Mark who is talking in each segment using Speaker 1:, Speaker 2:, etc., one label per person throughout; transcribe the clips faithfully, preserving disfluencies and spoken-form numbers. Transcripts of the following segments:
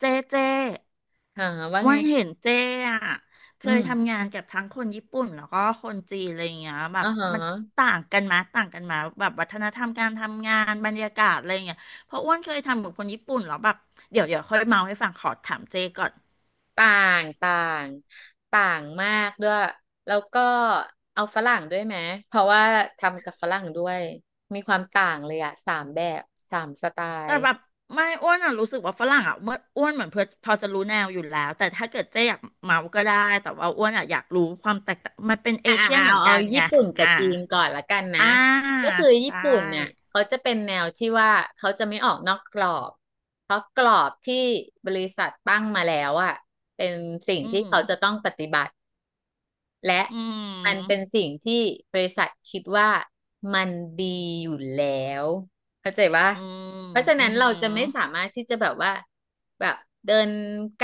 Speaker 1: เจเจอ้
Speaker 2: หาว่า
Speaker 1: วั
Speaker 2: ไง
Speaker 1: นเห็นเจอ่ะเค
Speaker 2: อื
Speaker 1: ยทำ
Speaker 2: ม
Speaker 1: งานกับทั้งคนญี่ปุ่นแล้วก็คนจีนอะไรอย่างเงี้ยแบ
Speaker 2: อ๋อ
Speaker 1: บ
Speaker 2: หอ
Speaker 1: มันต่างกันมาต่างกันมาแบบวัฒนธรรมการทำงานบรรยากาศอะไรอย่างเงี้ยเพราะอ้วนเคยทำกับคนญี่ปุ่นแล้วแบบเดี๋ยวเดี๋ยวค่อยเมาให้ฟังขอถามเจก่อน
Speaker 2: ต่าง ต่าง ต่างมากด้วยแล้วก็เอาฝรั่งด้วยไหม เพราะว่าทำกับฝรั่งด้วย มีความต่างเลยอะสามแบบ สามสไต
Speaker 1: แต่
Speaker 2: ล์
Speaker 1: แบบไม่อ้วนอ่ะรู้สึกว่าฝรั่งอ่ะเมื่ออ้วนเหมือนเพื่อพอจะรู้แนวอยู่แล้ว แต่ถ้าเกิดเจอยากเมาก็ได้แต่ว่าอ้วนอ่ะอยากรู้ความแตกต่างมันเป็นเอ
Speaker 2: อ่า
Speaker 1: เชียนเหมื
Speaker 2: เอา
Speaker 1: อน
Speaker 2: เอา
Speaker 1: กันไง
Speaker 2: ญี่ปุ่นกับ
Speaker 1: อ่า
Speaker 2: จีนก่อนละกันนะ
Speaker 1: อ่า
Speaker 2: ก็คือ
Speaker 1: ใช
Speaker 2: ญี่ปุ่นเนี่ย
Speaker 1: ่
Speaker 2: เขาจะเป็นแนวที่ว่าเขาจะไม่ออกนอกกรอบเพราะกรอบที่บริษัทตั้งมาแล้วอะเป็นสิ่ง
Speaker 1: อื
Speaker 2: ที่เขา
Speaker 1: ม
Speaker 2: จะต้องปฏิบัติ และ
Speaker 1: อื
Speaker 2: มันเป็น
Speaker 1: ม
Speaker 2: สิ่งที่บริษัทคิดว่ามันดีอยู่แล้วเข้าใจว่า
Speaker 1: อืม
Speaker 2: เพราะฉะ
Speaker 1: อื
Speaker 2: นั้นเรา
Speaker 1: ม
Speaker 2: จะไม่สามารถที่จะแบบว่าแบบเดิน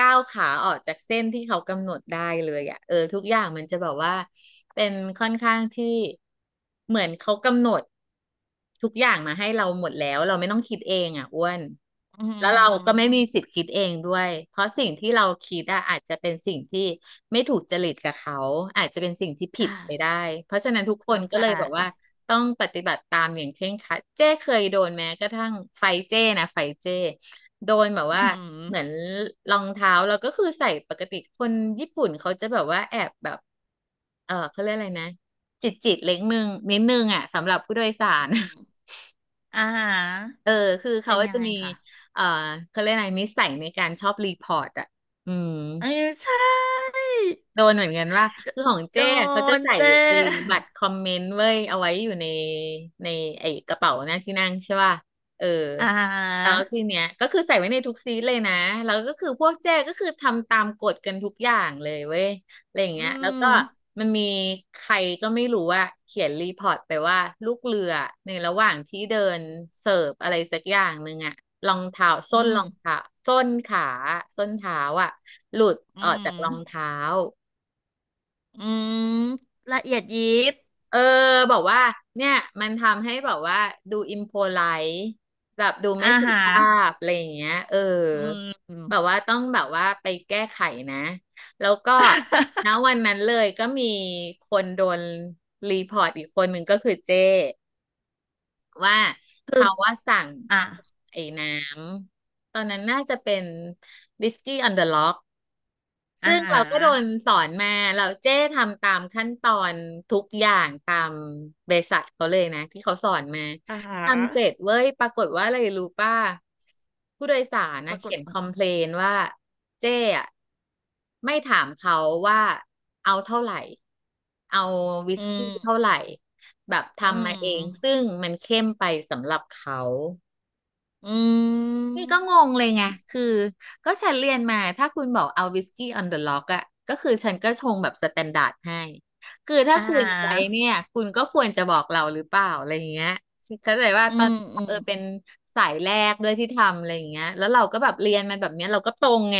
Speaker 2: ก้าวขาออกจากเส้นที่เขากำหนดได้เลยอ่ะเออทุกอย่างมันจะแบบว่าเป็นค่อนข้างที่เหมือนเขากำหนดทุกอย่างมาให้เราหมดแล้วเราไม่ต้องคิดเองอ่ะอ้วน
Speaker 1: อื
Speaker 2: แล้วเราก็ไม่มี
Speaker 1: ม
Speaker 2: สิทธิ์คิดเองด้วยเพราะสิ่งที่เราคิดอะอาจจะเป็นสิ่งที่ไม่ถูกจริตกับเขาอาจจะเป็นสิ่งที่ผิ
Speaker 1: ได้
Speaker 2: ดไปได้เพราะฉะนั้นทุกคน
Speaker 1: เข้า
Speaker 2: ก็
Speaker 1: ใจ
Speaker 2: เลยบอกว่า ต้องปฏิบัติตามอย่างเคร่งครัดเจ้เคยโดนแม้กระทั่งไฟเจ้นะไฟเจ้โดนแบบ
Speaker 1: อื
Speaker 2: ว่าเหมือน
Speaker 1: ม
Speaker 2: รองเท้าเราก็คือใส่ปกติคนญี่ปุ่นเขาจะแบบว่าแอบแบบเออเขาเรียกอะไรนะจิตจิตเล็กนึงนิดนึงอ่ะสำหรับผู้โดยสาร
Speaker 1: อืม อาหา
Speaker 2: เออคือเขา
Speaker 1: เป็นยัง
Speaker 2: จะ
Speaker 1: ไง
Speaker 2: มี
Speaker 1: คะ
Speaker 2: เออเขาเรียกอะไรนิสัยในการชอบรีพอร์ตอ่ะอืม
Speaker 1: เออใช่
Speaker 2: โดนเหมือนกันว่า
Speaker 1: โด
Speaker 2: คือของ
Speaker 1: โด
Speaker 2: เจ้เขาจะ
Speaker 1: น
Speaker 2: ใส่
Speaker 1: เจ
Speaker 2: ไอ้บัตรคอมเมนต์เว้ยเอาไว้อยู่ในในไอ้กระเป๋าหน้าที่นั่งใช่ป่ะเออ
Speaker 1: อาาฮ
Speaker 2: แล้วที
Speaker 1: ะ
Speaker 2: เนี้ยก็คือใส่ไว้ในทุกซีทเลยนะแล้วก็คือพวกเจ้ก็คือทำตามกฎกันทุกอย่างเลยเว้ยอะไรอย่างเงี้
Speaker 1: อื
Speaker 2: ยแล้วก็
Speaker 1: ม
Speaker 2: มันมีใครก็ไม่รู้ว่าเขียนรีพอร์ตไปว่าลูกเรือในระหว่างที่เดินเสิร์ฟอะไรสักอย่างหนึ่งอะรองเท้า
Speaker 1: อื
Speaker 2: ส้น
Speaker 1: ม
Speaker 2: รองเท้าส้นขาส้นเท้าอะหลุด
Speaker 1: อื
Speaker 2: ออกจากรอง
Speaker 1: ม
Speaker 2: เท้า
Speaker 1: อืมละเอียดยิบ
Speaker 2: เออบอกว่าเนี่ยมันทำให้แบบว่าดูอิมโพไลท์แบบดูไม่
Speaker 1: อา
Speaker 2: สุ
Speaker 1: ฮะ
Speaker 2: ภาพอะไรอย่างเงี้ยเออ
Speaker 1: อืม
Speaker 2: แบบว่าต้องแบบว่าไปแก้ไขนะแล้วก็ ณวันนั้นเลยก็มีคนโดนรีพอร์ตอีกคนหนึ่งก็คือเจ้ว่า
Speaker 1: คือ
Speaker 2: เขาว่าสั่ง
Speaker 1: อ่ะ
Speaker 2: ไอ้น้ำตอนนั้นน่าจะเป็นวิสกี้ออนเดอะล็อก
Speaker 1: อา
Speaker 2: ซึ่ง
Speaker 1: หา
Speaker 2: เราก็โดนสอนมาเราเจ้ทำตามขั้นตอนทุกอย่างตามบริษัทเขาเลยนะที่เขาสอนมา
Speaker 1: อาาฮะ
Speaker 2: ทำเสร็จเว้ยปรากฏว่าอะไรรู้ป่ะผู้โดยสาร
Speaker 1: ป
Speaker 2: นะ
Speaker 1: รากฏ
Speaker 2: เขียนค
Speaker 1: ว่า
Speaker 2: อมเพลนว่าเจ้อะไม่ถามเขาว่าเอาเท่าไหร่เอาวิ
Speaker 1: อื
Speaker 2: สกี้
Speaker 1: ม
Speaker 2: เท่าไหร่แบบ
Speaker 1: อื
Speaker 2: ทำมาเองซึ่
Speaker 1: ม
Speaker 2: งมันเข้มไปสำหรับเขา
Speaker 1: อื
Speaker 2: นี่
Speaker 1: ม
Speaker 2: ก็งงเลยไงคือก็ฉันเรียนมาถ้าคุณบอกเอาวิสกี้ออนเดอะล็อกอะก็คือฉันก็ชงแบบสแตนดาร์ดให้ คือถ้า
Speaker 1: อ่
Speaker 2: คุณใจ
Speaker 1: า
Speaker 2: เนี่ยคุณก็ควรจะบอกเราหรือเปล่าอะไรอย่างเงี้ยเข้าใจว่า
Speaker 1: อื
Speaker 2: ตอน
Speaker 1: ม อื
Speaker 2: เอ
Speaker 1: ม
Speaker 2: อเป็นสายแรกด้วยที่ทำอะไรอย่างเงี้ยแล้วเราก็แบบเรียนมาแบบเนี้ยเราก็ตรงไง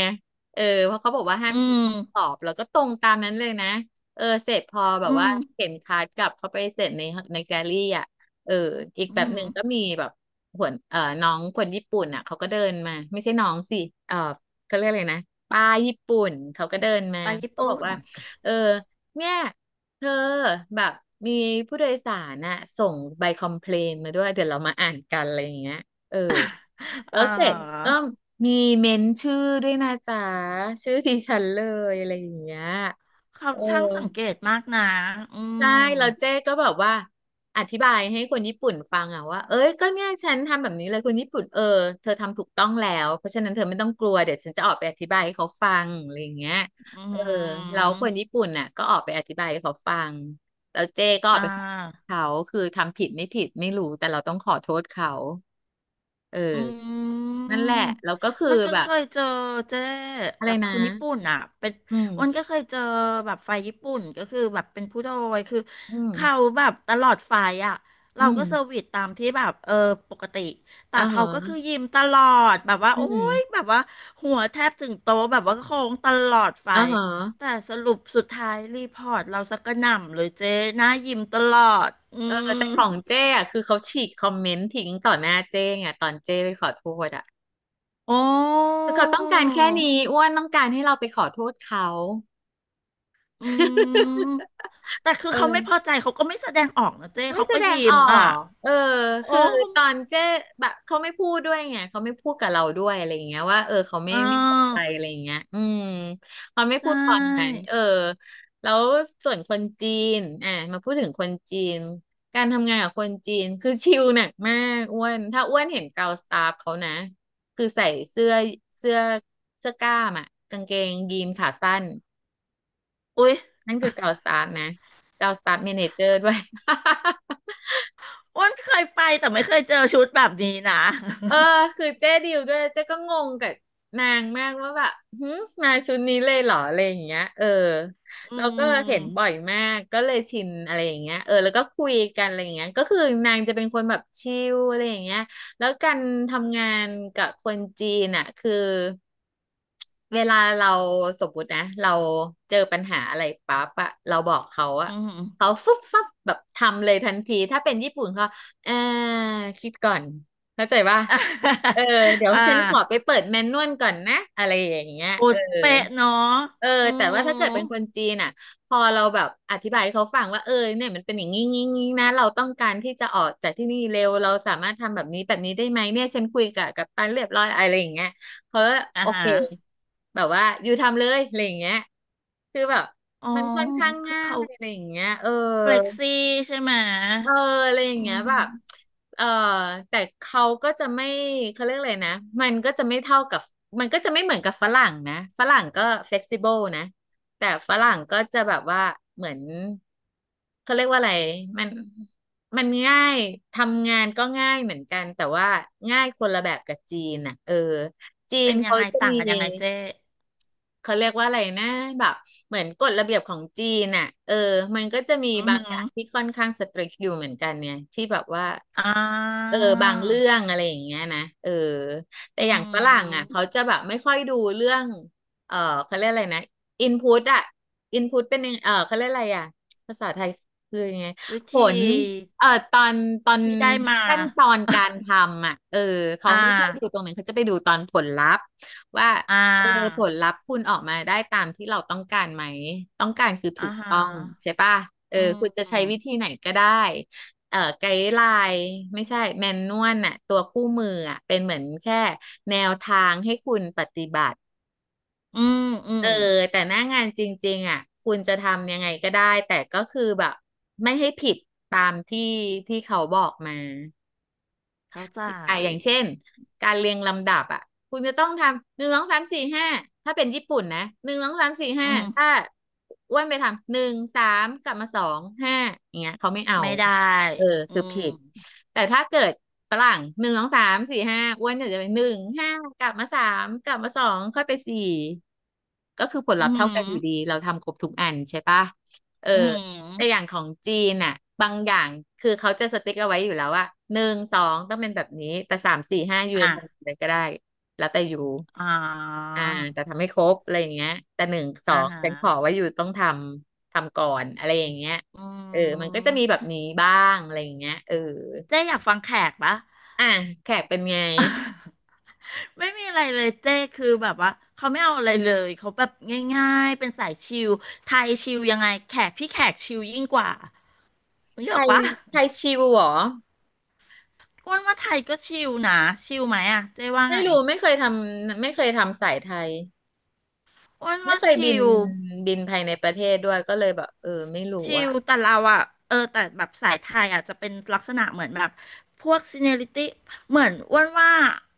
Speaker 2: เออเพราะเขาบอกว่าห้าม
Speaker 1: อื
Speaker 2: คิดห้ามตอ
Speaker 1: ม
Speaker 2: บเราก็ตรงตามนั้นเลยนะเออเสร็จพอแบ
Speaker 1: อื
Speaker 2: บว่า
Speaker 1: ม
Speaker 2: เข็นคาร์ดกลับเข้าไปเสร็จในในแกลลี่อะเอออีกแบ
Speaker 1: อื
Speaker 2: บห
Speaker 1: ม
Speaker 2: นึ่งก็มีแบบ หัวเอ่อน้องคนญี่ปุ่นอ่ะเขาก็เดินมาไม่ใช่น้องสิเอ่อเขาเรียกอะไรนะป้าญี่ปุ่นเขาก็เดินมา
Speaker 1: ไปญี่
Speaker 2: เขาบอก
Speaker 1: ปุ่น
Speaker 2: ว่าเออเนี่ยเธอแบบมีผู้โดยสารน่ะส่งใบคอมเพลนมาด้วยเดี๋ยวเรามาอ่านกันอะไรอย่างเงี้ยเออ แล้
Speaker 1: อ่า
Speaker 2: วเสร็จก็มีเมนชื่อด้วยนะจ๊ะชื่อดิฉันเลยอะไรอย่างเงี้ย
Speaker 1: เขา
Speaker 2: เออ
Speaker 1: ช่างสังเกตมากนะ อื
Speaker 2: ใช่
Speaker 1: ม
Speaker 2: แล้วเจ๊ก็แบบว่าอธิบายให้คนญี่ปุ่นฟังอะว่าเอ้ยก็เนี่ยฉันทำแบบนี้เลยคนญี่ปุ่นเออเธอทำถูกต้องแล้วเพราะฉะนั้นเธอไม่ต้องกลัวเดี๋ยวฉันจะออกไปอธิบายให้เขาฟังอะไรอย่างเงี้ย
Speaker 1: อื
Speaker 2: เออแล้ว
Speaker 1: ม
Speaker 2: คนญี่ปุ่นน่ะก็ออกไปอธิบายให้เขาฟังแล้วเจ๊ก็ออ
Speaker 1: อ่
Speaker 2: กไปขอโทษ
Speaker 1: า
Speaker 2: เขาคือทำผิดไม่ผิดไม่รู้แต่เราต้องขอโทษเขาเ
Speaker 1: อื
Speaker 2: ออนั่นแหละ
Speaker 1: ม
Speaker 2: แล้วก็
Speaker 1: อ้
Speaker 2: คื
Speaker 1: ว
Speaker 2: อ
Speaker 1: นก็
Speaker 2: แบ
Speaker 1: เค
Speaker 2: บ
Speaker 1: ยเจอเจ๊
Speaker 2: อะไร
Speaker 1: แบบ
Speaker 2: นะ
Speaker 1: คนญี่ปุ่นอ่ะเป็น
Speaker 2: อืม
Speaker 1: อ้วนก็เคยเจอแบบไฟญี่ปุ่นก็คือแบบเป็นผู้โดยคือ
Speaker 2: อื
Speaker 1: เขา
Speaker 2: ม
Speaker 1: แบบตลอดไฟอ่ะ
Speaker 2: อื
Speaker 1: เรา
Speaker 2: ม
Speaker 1: ก็เซอร์วิสตามที่แบบเออปกติแต่
Speaker 2: อ่า
Speaker 1: เขาก็คือ
Speaker 2: ฮะ
Speaker 1: ยิ้มตลอดแบบว่า
Speaker 2: อื
Speaker 1: โอ๊ย
Speaker 2: ม
Speaker 1: แบบว่าหัวแทบถึงโต๊ะแบบว่าโค้งตลอดไฟ
Speaker 2: อ่าฮะ
Speaker 1: แต่สรุปสุดท้ายรีพอร์ตเราสักกระหน่ำเลยเจ๊หน้ายิ้มตลอดอื
Speaker 2: เออ
Speaker 1: ม
Speaker 2: แต่ของเจ้อะคือเขาฉีกคอมเมนต์ทิ้งต่อหน้าเจ้ไงตอนเจ้ไปขอโทษอ่ะ
Speaker 1: โอ้
Speaker 2: คือเขาต้องการแค่นี้อ้วนต้องการให้เราไปขอโทษเขา
Speaker 1: อืม แต่คือ
Speaker 2: เอ
Speaker 1: เขาไม่พอ
Speaker 2: อ
Speaker 1: ใจเขาก็ไม่แสดงออกนะเจ้
Speaker 2: ไม่
Speaker 1: เขา
Speaker 2: แส
Speaker 1: ก็
Speaker 2: ดง
Speaker 1: ยิ้
Speaker 2: อ
Speaker 1: ม
Speaker 2: อ
Speaker 1: อ่ะ
Speaker 2: กเออ
Speaker 1: โอ้
Speaker 2: คือ
Speaker 1: ม
Speaker 2: ตอนเจ๊แบบเขาไม่พูดด้วยไง เขาไม่พูดกับเราด้วยอะไรอย่างเงี้ยว่าเออเขาไม่
Speaker 1: อ่
Speaker 2: ไม่พอใจ
Speaker 1: า
Speaker 2: อะไรอย่างเงี้ยอืมเขาไม่
Speaker 1: ใช
Speaker 2: พูดตอนนั้น
Speaker 1: ่
Speaker 2: เออแล้วส่วนคนจีนอ่ะมาพูดถึงคนจีนการทำงานกับคนจีนคือชิลหนักมากอ้วนถ้าอ้วนเห็นเกาสตาฟเขานะคือใส่เสื้อเสื้อเสื้อกล้ามอ่ะกางเกงยีนขาสั้น
Speaker 1: อุ๊ย
Speaker 2: นั่นคือเกาสตาฟนะเกาสตาฟเมเนเจอร์ด้วย
Speaker 1: อ้วนเคยไปแต่ไม่เคยเจอชุดแบบนี้นะ
Speaker 2: เออคือเจ๊ดิวด้วยเจ๊ก็งงกับนางมากว่าแบบหืมมาชุดนี้เลยเหรออะไรอย่างเงี้ยเออ
Speaker 1: อื
Speaker 2: เราก็
Speaker 1: ม
Speaker 2: เห็นบ่อยมากก็เลยชินอะไรอย่างเงี้ยเออแล้วก็คุยกันอะไรอย่างเงี้ยก็คือนางจะเป็นคนแบบชิลอะไรอย่างเงี้ยแล้วการทำงานกับคนจีนอ่ะคือ เวลาเราสมมตินะเราเจอปัญหาอะไรปั๊บอะเราบอกเขาอะ
Speaker 1: อืม
Speaker 2: เขาฟึบฟับแบบทำเลยทันทีถ้าเป็นญี่ปุ่นเขาเออคิดก่อนเข้าใจป่ะ
Speaker 1: อ่า
Speaker 2: เออเดี๋ยว
Speaker 1: อ่า
Speaker 2: ฉันขอไปเปิดแมนนวลก่อนนะอะไรอย่างเงี้ย
Speaker 1: โอ
Speaker 2: เออ
Speaker 1: ดเป๊ะเนาะ
Speaker 2: เออ
Speaker 1: อื
Speaker 2: แต่ว่าถ้าเกิดเป็นคน
Speaker 1: ม
Speaker 2: จีนอ่ะพอเราแบบอธิบายให้เขาฟังว่าเออเนี่ยมันเป็นอย่างงี้งี้งี้นะเราต้องการที่จะออกจากที่นี่เร็วเราสามารถทำแบบนี้แบบนี้ได้ไหมเนี่ยฉันคุยกับกัปตันเรียบร้อยอะไรอย่างเงี้ย เขาก็
Speaker 1: อ่า
Speaker 2: โอ
Speaker 1: ฮะ
Speaker 2: เคแบบว่าอยู่ทำเลยอะไรอย่างเงี้ยคือแบบ
Speaker 1: อ๋อ
Speaker 2: มันค่อนข้าง
Speaker 1: คือ
Speaker 2: ง่า
Speaker 1: เขา
Speaker 2: ยอะไรอย่างเงี้ยเออ
Speaker 1: เฟล็กซี่ใช่ไหม
Speaker 2: เอออะไรอย่า
Speaker 1: อื
Speaker 2: งเงี้ยแบบ
Speaker 1: ม
Speaker 2: เออแต่เขาก็จะไม่เขาเรียกอะไรนะมันก็จะไม่เท่ากับมันก็จะไม่เหมือนกับฝรั่งนะฝรั่งก็เฟ e ซิเบิลนะแต่ฝรั่งก็จะแบบว่าเหมือนเขาเรียกว่าอะไรมันมันง่ายทำงานก็ง่ายเหมือนกันแต่ว่าง่ายคนละแบบกับจีนอ่ะเออจี
Speaker 1: เป็
Speaker 2: น
Speaker 1: นยัง
Speaker 2: เขา
Speaker 1: ไง
Speaker 2: จะ
Speaker 1: ต่าง
Speaker 2: มี
Speaker 1: กันยังไงเจ๊
Speaker 2: เขาเรียกว่าอะไรนะแบบเหมือนกฎระเบียบของจีนน่ะเออมันก็จะมี
Speaker 1: อือ
Speaker 2: บาง
Speaker 1: หื
Speaker 2: อ
Speaker 1: อ
Speaker 2: ย่างที่ค่อนข้างสตริกอยู่เหมือนกันเนี่ยที่แบบว่า
Speaker 1: อ่า
Speaker 2: เออบางเรื่องอะไรอย่างเงี้ยนะเออแต่
Speaker 1: อื
Speaker 2: อย่างฝรั่งอ่ะ
Speaker 1: ม
Speaker 2: เขาจะแบบไม่ค่อยดูเรื่องเออเขาเรียกอะไรนะอินพุตอ่ะอินพุตเป็นยังเออเขาเรียกอะไรอ่ะภาษาไทยคือยังไง
Speaker 1: วิ
Speaker 2: ผ
Speaker 1: ธี
Speaker 2: ลเอ่อตอนตอน
Speaker 1: ที่ได้มา
Speaker 2: ขั้นตอนการท ำอ่ะเออเขา
Speaker 1: อ่า
Speaker 2: ไม่ค่อยดูตรงนั้นเขาจะไปดูตอนผลลัพธ์ ว่า
Speaker 1: อ่
Speaker 2: เออผ
Speaker 1: า
Speaker 2: ลลัพธ์คุณออกมาได้ตามที่เราต้องการไหมต้องการคือถู
Speaker 1: อ่า
Speaker 2: ก
Speaker 1: ฮะ
Speaker 2: ต้องใช่ป่ะเออ
Speaker 1: อืม
Speaker 2: คุณจะ
Speaker 1: อื
Speaker 2: ใช้วิธีไหนก็ได้เอ่อไกด์ไลน์ไม่ใช่แมนนวลน่ะตัวคู่มืออ่ะเป็นเหมือนแค่แนวทางให้คุณปฏิบัติ
Speaker 1: มอื
Speaker 2: เอ
Speaker 1: ม
Speaker 2: อแต่หน้างานจริงๆอ่ะคุณจะทำยังไงก็ได้แต่ก็คือแบบไม่ให้ผิดตามที่ที่เขาบอกมา
Speaker 1: เข้าใจ
Speaker 2: อ่ะอย่างเช่นการเรียงลำดับอ่ะคุณจะต้องทำหนึ่งสองสามสี่ห้าถ้าเป็นญี่ปุ่นนะหนึ่งสองสามสี่
Speaker 1: อื
Speaker 2: ห้า
Speaker 1: ม
Speaker 2: ถ้าอ้วนไปทำหนึ่งสามกลับมาสองห้าอย่างเงี้ยเขาไม่เอา
Speaker 1: ไม่ได้
Speaker 2: เออ
Speaker 1: อื
Speaker 2: คือ
Speaker 1: ม
Speaker 2: ผิดแต่ถ้าเกิดฝรั่งหนึ่งสองสามสี่ห้าอ้วนเนี่ยจะเป็นหนึ่งห้ากลับมาสามกลับมาสองค่อยไปสี่ก็คือผลลั
Speaker 1: อื
Speaker 2: พธ์เท่ากันอยู่ดี
Speaker 1: ม
Speaker 2: เราทำครบทุกอันใช่ปะเออ
Speaker 1: อื
Speaker 2: แต่อย่าง
Speaker 1: ม
Speaker 2: ของจีนน่ะบางอย่างคือเขาจะสติ๊กเอาไว้อยู่แล้วว่าหนึ่งสองต้องเป็นแบบนี้แต่สามสี่ห้ายูจะ
Speaker 1: อ่ะ
Speaker 2: ทำอะไรก็ได้แล้วแต่อยู่
Speaker 1: อ๋อ
Speaker 2: อ่าแต่ทำให้ครบอะไรอย่างเงี้ยแต่หนึ่งสอ
Speaker 1: อ่า
Speaker 2: ง
Speaker 1: ฮะ
Speaker 2: ฉันขอว่าอยู่ต้องทำทำก่อนอะไรอย่างเงี้ย
Speaker 1: อื
Speaker 2: เออมันก็จะมีแบบ
Speaker 1: ม
Speaker 2: นี้บ้างอะไรอย่างเงี้ยเออ
Speaker 1: เจ๊อยากฟังแขกปะ
Speaker 2: อ่ะแขกเป็นไง
Speaker 1: ไม่มีอะไรเลยเจ๊คือแบบว่าเขาไม่เอาอะไรเลยเขาแบบง่ายๆ เป็นสายชิลไทยชิลยังไงแขกพี่แขกชิลยิ่งกว่าเม่ห
Speaker 2: ไท
Speaker 1: อก
Speaker 2: ย
Speaker 1: ปะ
Speaker 2: ไทยชิวเหรอ
Speaker 1: อ้วนว่าไทยก็ชิลนะชิลไหมอะเจ๊ว่า
Speaker 2: ไม่
Speaker 1: ไง
Speaker 2: รู้ไม่เคยทำไม่เคยทำสายไทย
Speaker 1: อ้วน
Speaker 2: ไม่
Speaker 1: ว่า
Speaker 2: เคยบิ
Speaker 1: ชิ
Speaker 2: น
Speaker 1: ล
Speaker 2: บินภายในประเทศด้วยก็เลยแบบเออไม่รู้
Speaker 1: ชิ
Speaker 2: อะ
Speaker 1: ลแต่เราอะเออแต่แบบสายไทยอะจะเป็นลักษณะเหมือนแบบพวกซีเนียริตี้เหมือนอ้วนว่า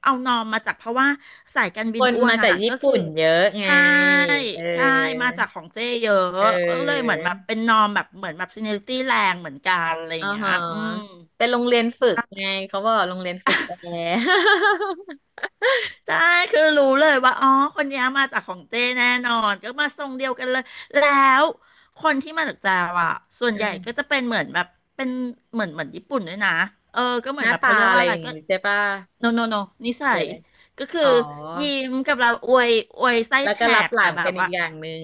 Speaker 1: เอานอมมาจากเพราะว่าสายการ
Speaker 2: ค
Speaker 1: บิน
Speaker 2: น
Speaker 1: อ้วน
Speaker 2: มาจา
Speaker 1: อะ
Speaker 2: กญี่
Speaker 1: ก็คือ
Speaker 2: ปุ่นเยอะไง
Speaker 1: ใช่
Speaker 2: เอ
Speaker 1: ใช่มา
Speaker 2: อ
Speaker 1: จากของเจ๊เยอะ
Speaker 2: เอ
Speaker 1: ก็เลยเหมื
Speaker 2: อ
Speaker 1: อนแบบเป็นนอมแบบเหมือนแบบซีเนียริตี้แรงเหมือนกันอะไรอ
Speaker 2: อ๋
Speaker 1: ย่า
Speaker 2: อ
Speaker 1: งเงี้ย
Speaker 2: ฮะ
Speaker 1: อืม
Speaker 2: เป็นโรงเรียนฝึกไงเขาบอกโรงเรียนฝึกแอร์
Speaker 1: ใช่คือรู้เลยว่าอ๋อคนเนี้ยมาจากของเจ้แน่นอนก็มาทรงเดียวกันเลยแล้วคนที่มาจากจาวอ่ะส่ว น
Speaker 2: อื
Speaker 1: ใหญ่ก็จะ
Speaker 2: ม
Speaker 1: เป็นเหมือนแบบเป็นเหมือนเหมือนญี่ปุ่นด้วยนะเออก็เห
Speaker 2: ห
Speaker 1: มือน
Speaker 2: น้า
Speaker 1: แบบ
Speaker 2: ตา
Speaker 1: เขาเรียก
Speaker 2: อะ
Speaker 1: ว่า
Speaker 2: ไร
Speaker 1: อะ
Speaker 2: อ
Speaker 1: ไร
Speaker 2: ย่าง
Speaker 1: ก็
Speaker 2: งี้ใช่ป่ะ
Speaker 1: โนโนโนนิสั
Speaker 2: เปลี่ย
Speaker 1: ย
Speaker 2: นเลย
Speaker 1: ก็คือ
Speaker 2: อ๋อ
Speaker 1: ยิ้มกับเราอวยอวยไส้
Speaker 2: แล้ว
Speaker 1: แต
Speaker 2: ก็รับ
Speaker 1: ก
Speaker 2: ห
Speaker 1: แต่
Speaker 2: ลัง
Speaker 1: แบ
Speaker 2: เป็
Speaker 1: บ
Speaker 2: นอี
Speaker 1: ว่า
Speaker 2: กอย่างหนึ่ง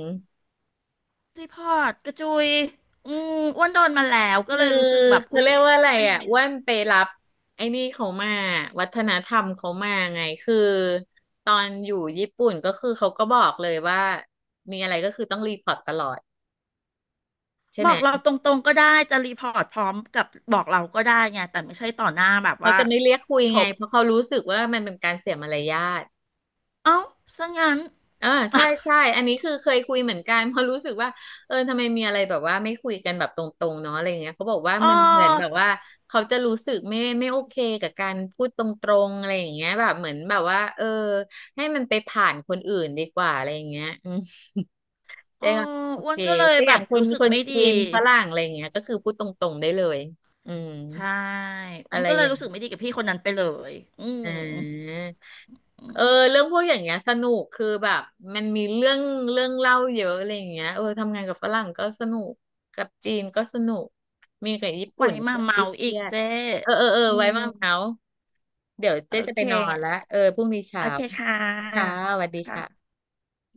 Speaker 1: พี่พอดกระจุยอืมอ้วนโดนมาแล้วก็
Speaker 2: คื
Speaker 1: เล
Speaker 2: อ
Speaker 1: ยรู้สึกแบบ
Speaker 2: เขา
Speaker 1: อุ๊ย
Speaker 2: เรียกว่า
Speaker 1: ทำ
Speaker 2: อะ
Speaker 1: ไม
Speaker 2: ไร
Speaker 1: เป็นอย่า
Speaker 2: อ่ะ
Speaker 1: งเงี้ย
Speaker 2: อ้วนไปรับไอ้นี่เขามาวัฒนธรรมเขามาไงคือตอนอยู่ญี่ปุ่นก็คือเขาก็บอกเลยว่ามีอะไรก็คือต้องรีพอร์ตตลอดใช่
Speaker 1: บ
Speaker 2: ไห
Speaker 1: อ
Speaker 2: ม
Speaker 1: กเราตรงๆก็ได้จะรีพอร์ตพร้อมกับบอกเราก็ได้ไงแต่ไม่ใช่ต่อหน้าแบบ
Speaker 2: เขา
Speaker 1: ว่า
Speaker 2: จะไม่เรียกคุย
Speaker 1: จ
Speaker 2: ไง
Speaker 1: บ
Speaker 2: เพราะเขารู้สึกว่ามันเป็นการเสียมารยาท
Speaker 1: เอ้าซะงั้น
Speaker 2: อ่าใช่ใช่อันนี้คือเคยคุยเหมือนกันเพราะรู้สึกว่าเออทำไมมีอะไรแบบว่าไม่คุยกันแบบตรงๆเนาะอะไรเงี้ยเขาบอกว่า
Speaker 1: อ๋
Speaker 2: มันเหมือนแบบ
Speaker 1: อ
Speaker 2: ว่าเขาจะรู้สึกไม่ไม่โอเคกับการพูดตรงๆอะไรอย่างเงี้ยแบบเหมือนแบบว่าเออให้มันไปผ่านคนอื่นดีกว่าอะไรอย่างเงี้ยอืม
Speaker 1: อ๋
Speaker 2: ได้
Speaker 1: อ
Speaker 2: ค่ะโอ
Speaker 1: อ้ว
Speaker 2: เค
Speaker 1: นก็เลย
Speaker 2: แต่อ
Speaker 1: แบ
Speaker 2: ย่าง
Speaker 1: บ
Speaker 2: คน
Speaker 1: รู้สึก
Speaker 2: คน
Speaker 1: ไม่ดี
Speaker 2: จีนฝรั่งอะไรอย่างเงี้ยก็คือพูดตรงๆได้เลยอืม
Speaker 1: ใช่อ้
Speaker 2: อะ
Speaker 1: วน
Speaker 2: ไร
Speaker 1: ก็เล
Speaker 2: อ
Speaker 1: ย
Speaker 2: ย่าง
Speaker 1: รู้สึกไม่ดีกับพี่คนนั้นไปเลยอืม
Speaker 2: อ่า
Speaker 1: อื
Speaker 2: เอ
Speaker 1: ม
Speaker 2: อเรื่องพวกอย่างเงี้ยสนุกคือแบบมันมีเรื่องเรื่องเล่าเยอะอะไรอย่างเงี้ยเออทำงานกับฝรั่งก็สนุกกับจีนก็สนุกมีกับญี่
Speaker 1: ไว้
Speaker 2: ปุ่น
Speaker 1: มา
Speaker 2: เรื่อง
Speaker 1: เมา
Speaker 2: ที่เค
Speaker 1: อี
Speaker 2: รี
Speaker 1: ก
Speaker 2: ยด
Speaker 1: เจ๊
Speaker 2: เออเออเออ
Speaker 1: อื
Speaker 2: ไว้
Speaker 1: ม
Speaker 2: มาเมาส์เดี๋ยว
Speaker 1: โอ
Speaker 2: เจ๊จะ
Speaker 1: เค
Speaker 2: ไปนอนละเออพรุ่งนี้
Speaker 1: โอ
Speaker 2: เช้า
Speaker 1: เคค่
Speaker 2: ค่ะ
Speaker 1: ะ
Speaker 2: สวัสดี
Speaker 1: ค่ะ
Speaker 2: ค่ะ